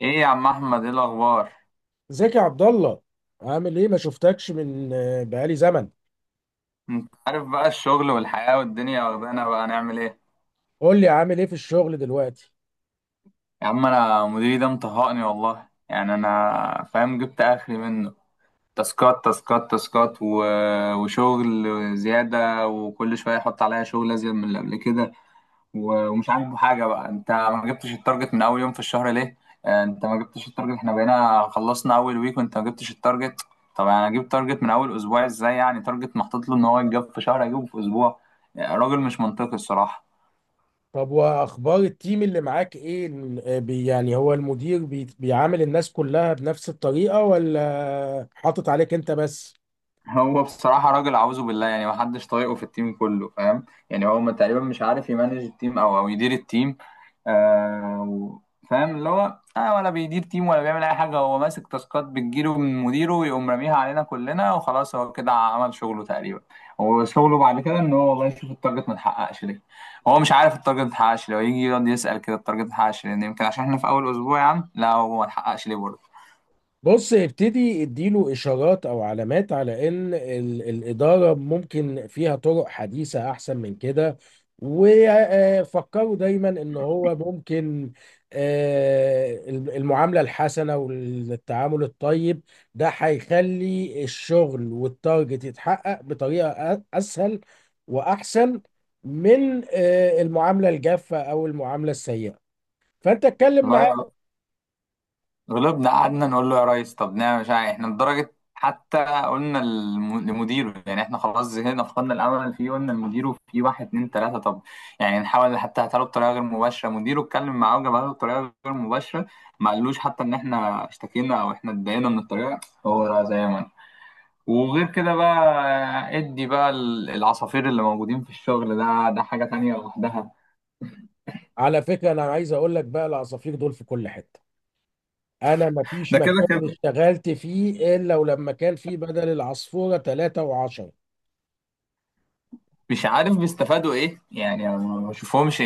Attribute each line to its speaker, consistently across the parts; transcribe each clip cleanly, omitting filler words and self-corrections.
Speaker 1: ايه يا عم احمد، ايه الاخبار؟
Speaker 2: ازيك يا عبد الله، عامل ايه؟ ما شفتكش من آه، بقالي زمن.
Speaker 1: انت عارف بقى الشغل والحياه والدنيا واخدانا، بقى نعمل ايه.
Speaker 2: قول لي، عامل ايه في الشغل دلوقتي؟
Speaker 1: يا عم انا مديري ده مطهقني والله، يعني انا فاهم جبت اخري منه. تاسكات تاسكات تاسكات وشغل زياده، وكل شويه يحط عليا شغل ازيد من اللي قبل كده. و- ومش عاجبه حاجه، بقى انت ما جبتش التارجت من اول يوم في الشهر ليه؟ انت ما جبتش التارجت، احنا بقينا خلصنا اول ويك وانت ما جبتش التارجت. طب انا اجيب تارجت من اول اسبوع ازاي؟ يعني تارجت محطوط له ان هو يتجاب في شهر اجيبه في اسبوع. راجل مش منطقي الصراحه.
Speaker 2: طب واخبار التيم اللي معاك ايه؟ يعني هو المدير بيعامل الناس كلها بنفس الطريقة، ولا حاطط عليك انت بس؟
Speaker 1: هو بصراحة راجل أعوذ بالله، يعني محدش طايقه في التيم كله فاهم. يعني هو تقريبا مش عارف يمانج التيم أو يدير التيم. آه و- فاهم، اللي هو آه ولا بيدير تيم ولا بيعمل أي حاجة. هو ماسك تاسكات بتجيله من مديره ويقوم راميها علينا كلنا وخلاص، هو كده عمل شغله تقريبا. هو شغله بعد كده إن هو والله يشوف التارجت ما اتحققش ليه. هو مش عارف التارجت ما اتحققش ليه، ويجي يقعد يسأل كده التارجت ما اتحققش ليه؟ يمكن عشان إحنا في أول أسبوع يا عم، لا هو ما اتحققش ليه.
Speaker 2: بص، ابتدي اديله اشارات او علامات على ان الاداره ممكن فيها طرق حديثه احسن من كده. وفكروا دايما ان هو ممكن المعامله الحسنه والتعامل الطيب، ده هيخلي الشغل والتارجت يتحقق بطريقه اسهل واحسن من المعامله الجافه او المعامله السيئه. فانت اتكلم معاه.
Speaker 1: برضه غلبنا قعدنا نقول له يا ريس طب نعمل مش عارف إيه. احنا لدرجة حتى قلنا لمديره، يعني احنا خلاص زهقنا فقدنا الامل فيه، قلنا لمديره في واحد اتنين تلاتة. طب يعني نحاول حتى هاتها له بطريقة غير مباشرة. مديره اتكلم معاه وجابها له بطريقة غير مباشرة، ما قالوش حتى ان احنا اشتكينا او احنا اتضايقنا من الطريقة. هو لا زي ما أنا. وغير كده بقى، ادي بقى العصافير اللي موجودين في الشغل ده، ده حاجة تانية لوحدها.
Speaker 2: على فكره، انا عايز اقول لك بقى، العصافير دول في كل حته. انا ما فيش
Speaker 1: ده كده
Speaker 2: مكان
Speaker 1: كده
Speaker 2: اشتغلت فيه الا ولما كان فيه بدل العصفوره 3 و10.
Speaker 1: مش عارف بيستفادوا ايه، يعني أنا ما بشوفهمش،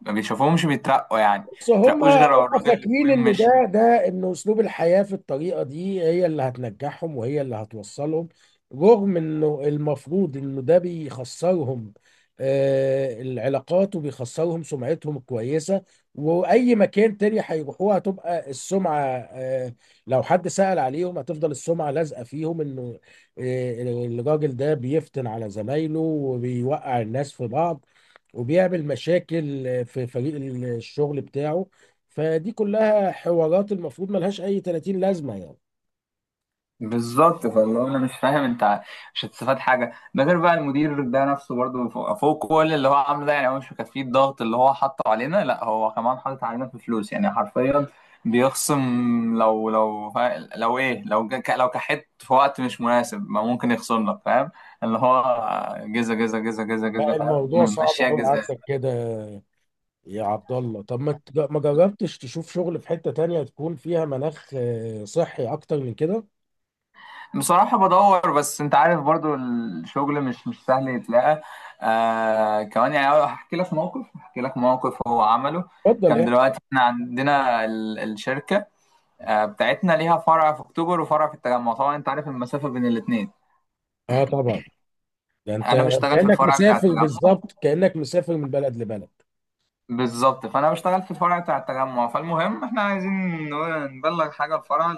Speaker 1: ما بيشوفهمش بيترقوا، يعني ما
Speaker 2: بس هم
Speaker 1: بيترقوش غير لو
Speaker 2: هم
Speaker 1: الراجل اللي
Speaker 2: فاكرين
Speaker 1: فوقيهم
Speaker 2: ان ده
Speaker 1: مشي.
Speaker 2: ده ان اسلوب الحياه في الطريقه دي هي اللي هتنجحهم وهي اللي هتوصلهم، رغم انه المفروض انه ده بيخسرهم العلاقات، وبيخسرهم سمعتهم الكويسه. واي مكان تاني هيروحوه هتبقى السمعه لو حد سأل عليهم هتفضل السمعه لازقه فيهم انه الراجل ده بيفتن على زمايله، وبيوقع الناس في بعض، وبيعمل مشاكل في فريق الشغل بتاعه. فدي كلها حوارات المفروض ملهاش اي 30 لازمه يعني.
Speaker 1: بالظبط، فاللي هو انا مش فاهم انت مش هتستفاد حاجه ده، غير بقى المدير ده نفسه برضه فوق كل اللي هو عامله ده، يعني هو مش مكفيه الضغط اللي هو حاطه علينا، لا هو كمان حاطط علينا في فلوس يعني حرفيا. بيخصم. لو لو فا- لو ايه لو جا- لو كحت في وقت مش مناسب ما ممكن يخصم لك فاهم. اللي هو جزا جزا جزا جزا جزا
Speaker 2: لا،
Speaker 1: فاهم.
Speaker 2: الموضوع صعب
Speaker 1: ماشيه
Speaker 2: قوي
Speaker 1: جزا.
Speaker 2: عندك كده. يا عبد الله، طب ما جربتش تشوف شغل في حته تانية تكون فيها مناخ صحي اكتر من كده؟
Speaker 1: بصراحة بدور، بس انت عارف برضو الشغل مش سهل يتلاقى. آه كمان، يعني هحكي لك موقف، هحكي لك موقف هو عمله.
Speaker 2: اتفضل،
Speaker 1: كان
Speaker 2: ايه؟
Speaker 1: دلوقتي احنا عندنا الشركة آه بتاعتنا ليها فرع في اكتوبر وفرع في التجمع، طبعا انت عارف المسافة بين الاتنين.
Speaker 2: اه، طبعا. ده انت،
Speaker 1: انا بشتغل في
Speaker 2: كانك
Speaker 1: الفرع بتاع
Speaker 2: مسافر
Speaker 1: التجمع.
Speaker 2: بالظبط، كانك مسافر من بلد لبلد.
Speaker 1: بالظبط، فانا بشتغل في الفرع بتاع التجمع. فالمهم احنا عايزين نبلغ حاجة الفرع،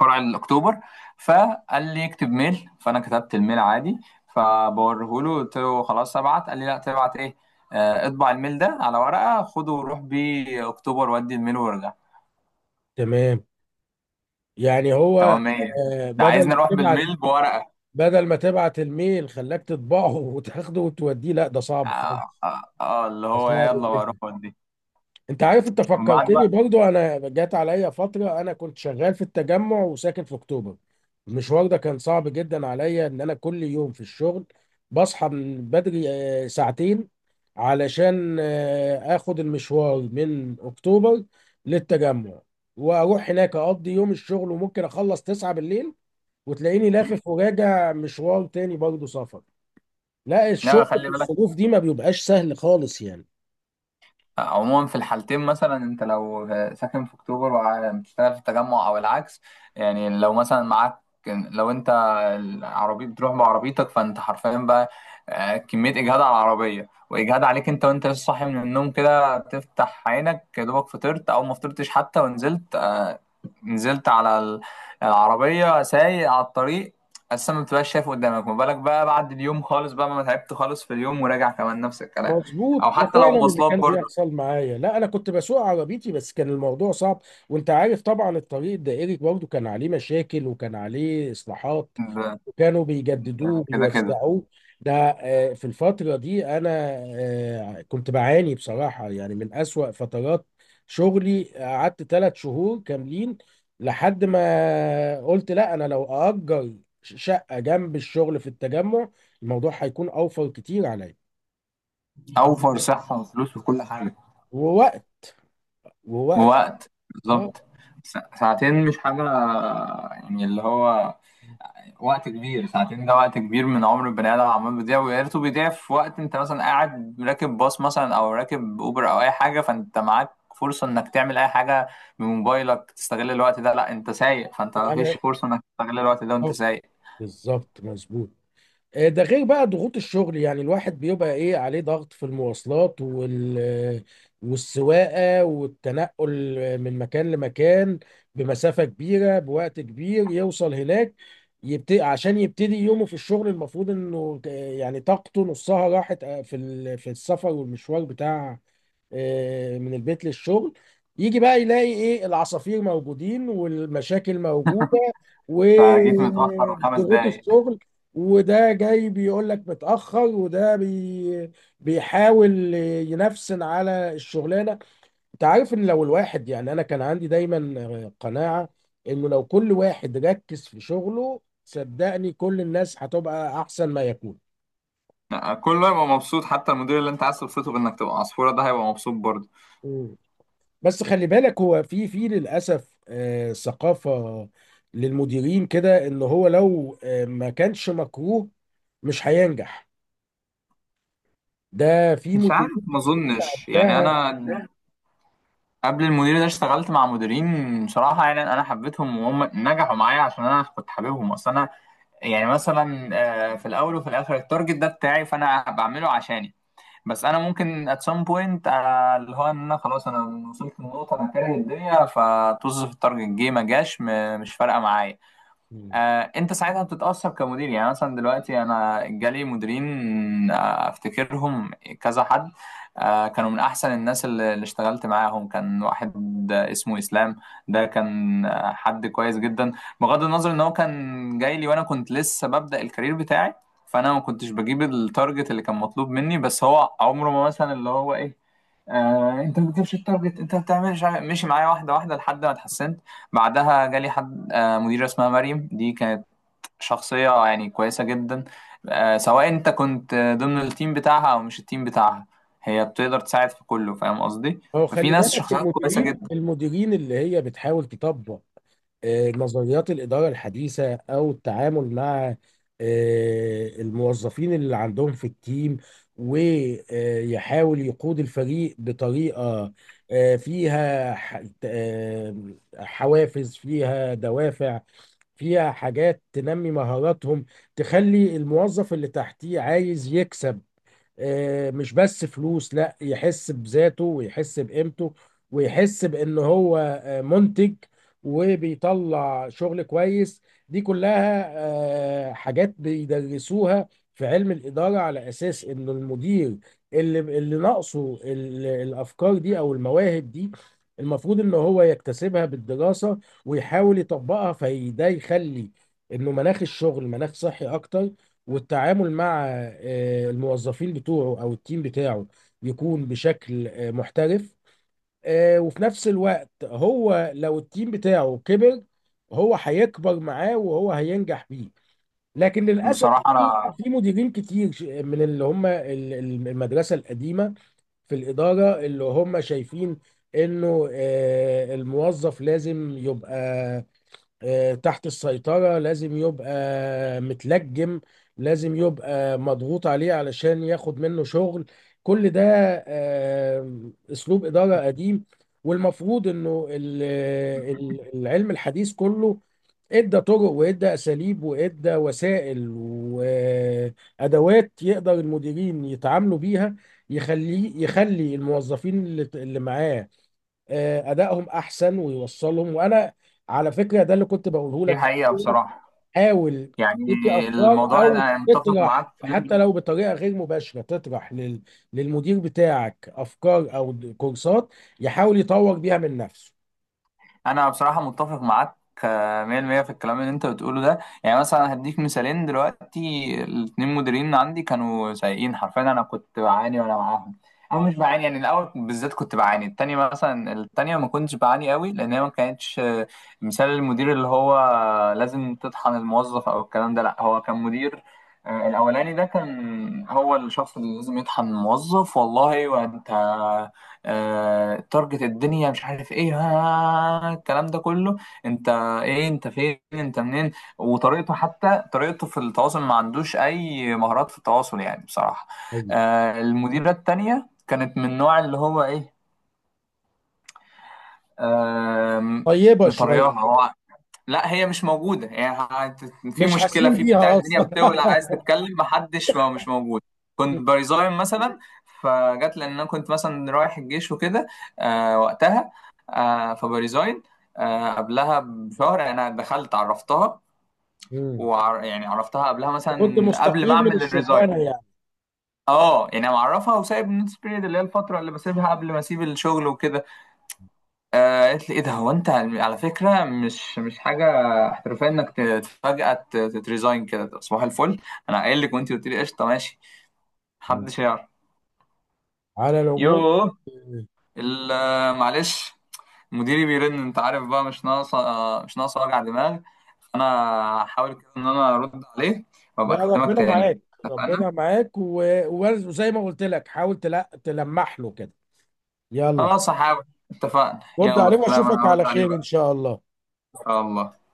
Speaker 1: فرع الاكتوبر. فقال لي اكتب ميل، فانا كتبت الميل عادي. فبوريه له قلت له خلاص ابعت، قال لي لا تبعت ايه. اطبع الميل ده على ورقه خده وروح بيه اكتوبر ودي الميل وارجع.
Speaker 2: تمام. يعني هو
Speaker 1: تمام ايه؟ ده
Speaker 2: بدل
Speaker 1: عايزني
Speaker 2: ما
Speaker 1: اروح
Speaker 2: تبعت،
Speaker 1: بالميل بورقه.
Speaker 2: بدل ما تبعت الميل خلاك تطبعه وتاخده وتوديه؟ لا، ده صعب
Speaker 1: اه،
Speaker 2: خالص.
Speaker 1: آه، آه، اللي هو
Speaker 2: صعب
Speaker 1: يلا بقى اروح
Speaker 2: جدا.
Speaker 1: ودي.
Speaker 2: انت عارف، انت
Speaker 1: من بعد
Speaker 2: فكرتني
Speaker 1: بقى
Speaker 2: برضو، انا جات عليا فتره انا كنت شغال في التجمع وساكن في اكتوبر. المشوار ده كان صعب جدا عليا، ان انا كل يوم في الشغل بصحى من بدري ساعتين علشان اخد المشوار من اكتوبر للتجمع، واروح هناك اقضي يوم الشغل، وممكن اخلص 9 بالليل، وتلاقيني لافف وراجع مشوار تاني برضو سفر. لا،
Speaker 1: لا
Speaker 2: الشغل
Speaker 1: خلي
Speaker 2: في
Speaker 1: بالك.
Speaker 2: الظروف دي ما بيبقاش سهل خالص يعني.
Speaker 1: عموما في الحالتين مثلا انت لو ساكن في اكتوبر وبتشتغل في التجمع او العكس، يعني لو مثلا معاك، لو انت العربية، بتروح بعربيتك، فانت حرفيا بقى كمية اجهاد على العربية واجهاد عليك انت، وانت لسه صاحي من النوم كده تفتح عينك يا دوبك، فطرت او ما فطرتش حتى ونزلت نزلت على العربية سايق على الطريق، اساسا ما بتبقاش شايف قدامك، ما بالك بقى بعد اليوم خالص بقى ما تعبت خالص في اليوم وراجع كمان نفس الكلام.
Speaker 2: مظبوط،
Speaker 1: او
Speaker 2: ده
Speaker 1: حتى لو
Speaker 2: فعلا اللي
Speaker 1: مواصلات
Speaker 2: كان
Speaker 1: برضه.
Speaker 2: بيحصل معايا. لا، انا كنت بسوق عربيتي بس كان الموضوع صعب. وانت عارف طبعا، الطريق الدائري برضه كان عليه مشاكل وكان عليه اصلاحات،
Speaker 1: ده
Speaker 2: كانوا بيجددوه،
Speaker 1: ده كده كده
Speaker 2: بيوسعوه. ده آه، في الفترة دي انا كنت بعاني بصراحة يعني من اسوأ فترات شغلي، قعدت ثلاث شهور كاملين لحد ما قلت لا، انا لو اجر شقة جنب الشغل في التجمع الموضوع هيكون اوفر كتير
Speaker 1: اوفر صحه وفلوس وكل حاجه.
Speaker 2: عليا، ووقت.
Speaker 1: ووقت
Speaker 2: اه،
Speaker 1: بالظبط. ساعتين مش حاجه، يعني اللي هو وقت كبير. ساعتين ده وقت كبير من عمر البني ادم عمال بيضيع، ويا ريته بيضيع في وقت انت مثلا قاعد راكب باص مثلا او راكب اوبر او اي حاجه، فانت معاك فرصه انك تعمل اي حاجه بموبايلك تستغل الوقت ده. لا انت سايق، فانت
Speaker 2: انا
Speaker 1: مفيش فرصه انك تستغل الوقت ده وانت
Speaker 2: آه،
Speaker 1: سايق.
Speaker 2: بالظبط مظبوط. ده غير بقى ضغوط الشغل، يعني الواحد بيبقى ايه، عليه ضغط في المواصلات والسواقة والتنقل من مكان لمكان بمسافة كبيرة، بوقت كبير يوصل هناك، يبتدي، عشان يبتدي يومه في الشغل المفروض انه يعني طاقته نصها راحت في السفر والمشوار بتاع من البيت للشغل. يجي بقى يلاقي ايه، العصافير موجودين والمشاكل موجودة
Speaker 1: فجيت متاخر خمس
Speaker 2: وضغوط
Speaker 1: دقايق.
Speaker 2: الشغل، وده جاي بيقول لك متأخر، وده بيحاول ينفسن على الشغلانة. انت عارف ان لو الواحد، يعني انا كان عندي دايما قناعة، انه لو كل واحد ركز في شغله صدقني كل الناس هتبقى احسن ما يكون.
Speaker 1: كله هيبقى مبسوط، حتى المدير اللي انت عايز تبسطه بانك تبقى عصفوره ده هيبقى مبسوط برضه.
Speaker 2: بس خلي بالك، هو في للاسف ثقافه للمديرين كده، ان هو لو ما كانش مكروه مش هينجح، ده في
Speaker 1: مش عارف
Speaker 2: مديرين
Speaker 1: ما اظنش، يعني
Speaker 2: ده.
Speaker 1: انا قبل المدير ده اشتغلت مع مديرين بصراحه يعني انا حبيتهم، وهم نجحوا معايا عشان انا كنت حاببهم. اصل انا يعني مثلا في الاول وفي الاخر التارجت ده بتاعي، فانا بعمله عشاني. بس انا ممكن at some point اللي هو ان انا خلاص انا وصلت للنقطه انا كاره الدنيا، فطز في التارجت جه ما جاش مش فارقه معايا.
Speaker 2: مم.
Speaker 1: انت ساعتها بتتأثر كمدير. يعني مثلا دلوقتي انا جالي مديرين افتكرهم كذا حد. كانوا من احسن الناس اللي اشتغلت معاهم. كان واحد اسمه اسلام، ده كان حد كويس جدا. بغض النظر ان هو كان جاي لي وانا كنت لسه ببدأ الكارير بتاعي، فانا ما كنتش بجيب التارجت اللي كان مطلوب مني، بس هو عمره ما مثلا اللي هو ايه انت ما بتجيبش التارجت انت بتعملش. ماشي معايا واحده واحده لحد ما اتحسنت. بعدها جالي حد مديره اسمها مريم، دي كانت شخصيه يعني كويسه جدا. سواء انت كنت ضمن التيم بتاعها او مش التيم بتاعها، هي بتقدر تساعد في كله فاهم قصدي.
Speaker 2: هو
Speaker 1: ففي
Speaker 2: خلي
Speaker 1: ناس
Speaker 2: بالك،
Speaker 1: شخصيات كويسه
Speaker 2: المديرين
Speaker 1: جدا.
Speaker 2: المديرين اللي هي بتحاول تطبق نظريات الإدارة الحديثة أو التعامل مع الموظفين اللي عندهم في التيم، ويحاول يقود الفريق بطريقة فيها حوافز، فيها دوافع، فيها حاجات تنمي مهاراتهم، تخلي الموظف اللي تحتيه عايز يكسب مش بس فلوس، لا، يحس بذاته ويحس بقيمته ويحس بان هو منتج وبيطلع شغل كويس. دي كلها حاجات بيدرسوها في علم الإدارة، على أساس إن المدير اللي ناقصه الأفكار دي أو المواهب دي، المفروض إن هو يكتسبها بالدراسة ويحاول يطبقها، فده يخلي إنه مناخ الشغل مناخ صحي أكتر، والتعامل مع الموظفين بتوعه او التيم بتاعه يكون بشكل محترف. وفي نفس الوقت هو لو التيم بتاعه كبر هو هيكبر معاه وهو هينجح بيه. لكن للاسف،
Speaker 1: بصراحه
Speaker 2: في
Speaker 1: انا
Speaker 2: في مديرين كتير من اللي هم المدرسه القديمه في الإدارة اللي هم شايفين إنه الموظف لازم يبقى تحت السيطرة، لازم يبقى متلجم، لازم يبقى مضغوط عليه علشان ياخد منه شغل. كل ده أسلوب إدارة قديم. والمفروض إنه العلم الحديث كله ادى طرق وادى أساليب وادى وسائل وأدوات يقدر المديرين يتعاملوا بيها، يخلي الموظفين اللي معاه ادائهم احسن ويوصلهم. وانا على فكره ده اللي كنت بقوله
Speaker 1: دي
Speaker 2: لك،
Speaker 1: حقيقه بصراحه.
Speaker 2: حاول
Speaker 1: يعني
Speaker 2: تدي افكار
Speaker 1: الموضوع
Speaker 2: او
Speaker 1: انا متفق
Speaker 2: تطرح،
Speaker 1: معاك في اللي
Speaker 2: حتى لو بطريقه غير مباشره، تطرح للمدير بتاعك افكار او كورسات يحاول يطور بيها من نفسه.
Speaker 1: انا بصراحه متفق معاك 100% في الكلام اللي انت بتقوله ده. يعني مثلا هديك مثالين دلوقتي الاتنين مديرين عندي كانوا سيئين حرفيا، انا كنت بعاني وانا معاهم. او مش بعاني، يعني الاول بالذات كنت بعاني، التانية مثلا التانية ما كنتش بعاني قوي لان هي ما كانتش مثال المدير اللي هو لازم تطحن الموظف او الكلام ده. لا هو كان مدير الاولاني ده كان هو الشخص اللي لازم يطحن الموظف والله. وانت تارجت الدنيا مش عارف ايه ها الكلام ده كله. انت ايه؟ انت فين؟ انت منين؟ وطريقته، حتى طريقته في التواصل ما عندوش اي مهارات في التواصل يعني بصراحة.
Speaker 2: ايوه،
Speaker 1: المديرة التانية كانت من النوع اللي هو ايه آه،
Speaker 2: طيبه شويه.
Speaker 1: مطرياها هو، لا هي مش موجودة يعني في
Speaker 2: مش
Speaker 1: مشكلة
Speaker 2: حاسين
Speaker 1: في بتاع
Speaker 2: بيها
Speaker 1: الدنيا
Speaker 2: اصلا.
Speaker 1: بتولع، عايز تتكلم محدش ما مش موجود. كنت بريزاين مثلا، فجت لأن أنا كنت مثلا رايح الجيش وكده آه وقتها، آه فبريزاين، آه قبلها بشهر أنا دخلت عرفتها،
Speaker 2: مم.
Speaker 1: وعر يعني عرفتها قبلها
Speaker 2: كنت
Speaker 1: مثلا قبل ما
Speaker 2: مستقيل من
Speaker 1: أعمل الريزاين.
Speaker 2: الشغلانه يعني؟
Speaker 1: اه يعني معرفها وسايب النوتس بيريد، اللي هي الفترة اللي بسيبها قبل ما أسيب الشغل وكده. قالت لي ايه ده، هو انت على فكره مش حاجه احترافيه انك فجاه تتريزاين كده صباح الفل. انا قايل لك وانت قلت لي قشطه ماشي
Speaker 2: مم.
Speaker 1: محدش يعرف.
Speaker 2: على العموم،
Speaker 1: يوه
Speaker 2: آه،
Speaker 1: معلش، مديري بيرن، انت عارف بقى مش ناقصه مش ناقصه وجع دماغ. انا هحاول كده ان انا ارد عليه وابقى
Speaker 2: لا،
Speaker 1: اكلمك
Speaker 2: ربنا
Speaker 1: تاني.
Speaker 2: معاك.
Speaker 1: اتفقنا.
Speaker 2: ربنا معاك، وزي ما قلت لك، حاول تلمح له كده. يلا،
Speaker 1: خلاص هحاول. اتفقنا
Speaker 2: رد
Speaker 1: يلا
Speaker 2: عليه
Speaker 1: سلام،
Speaker 2: واشوفك
Speaker 1: انا هرد
Speaker 2: على
Speaker 1: عليه
Speaker 2: خير ان
Speaker 1: بقى.
Speaker 2: شاء الله.
Speaker 1: ان شاء الله.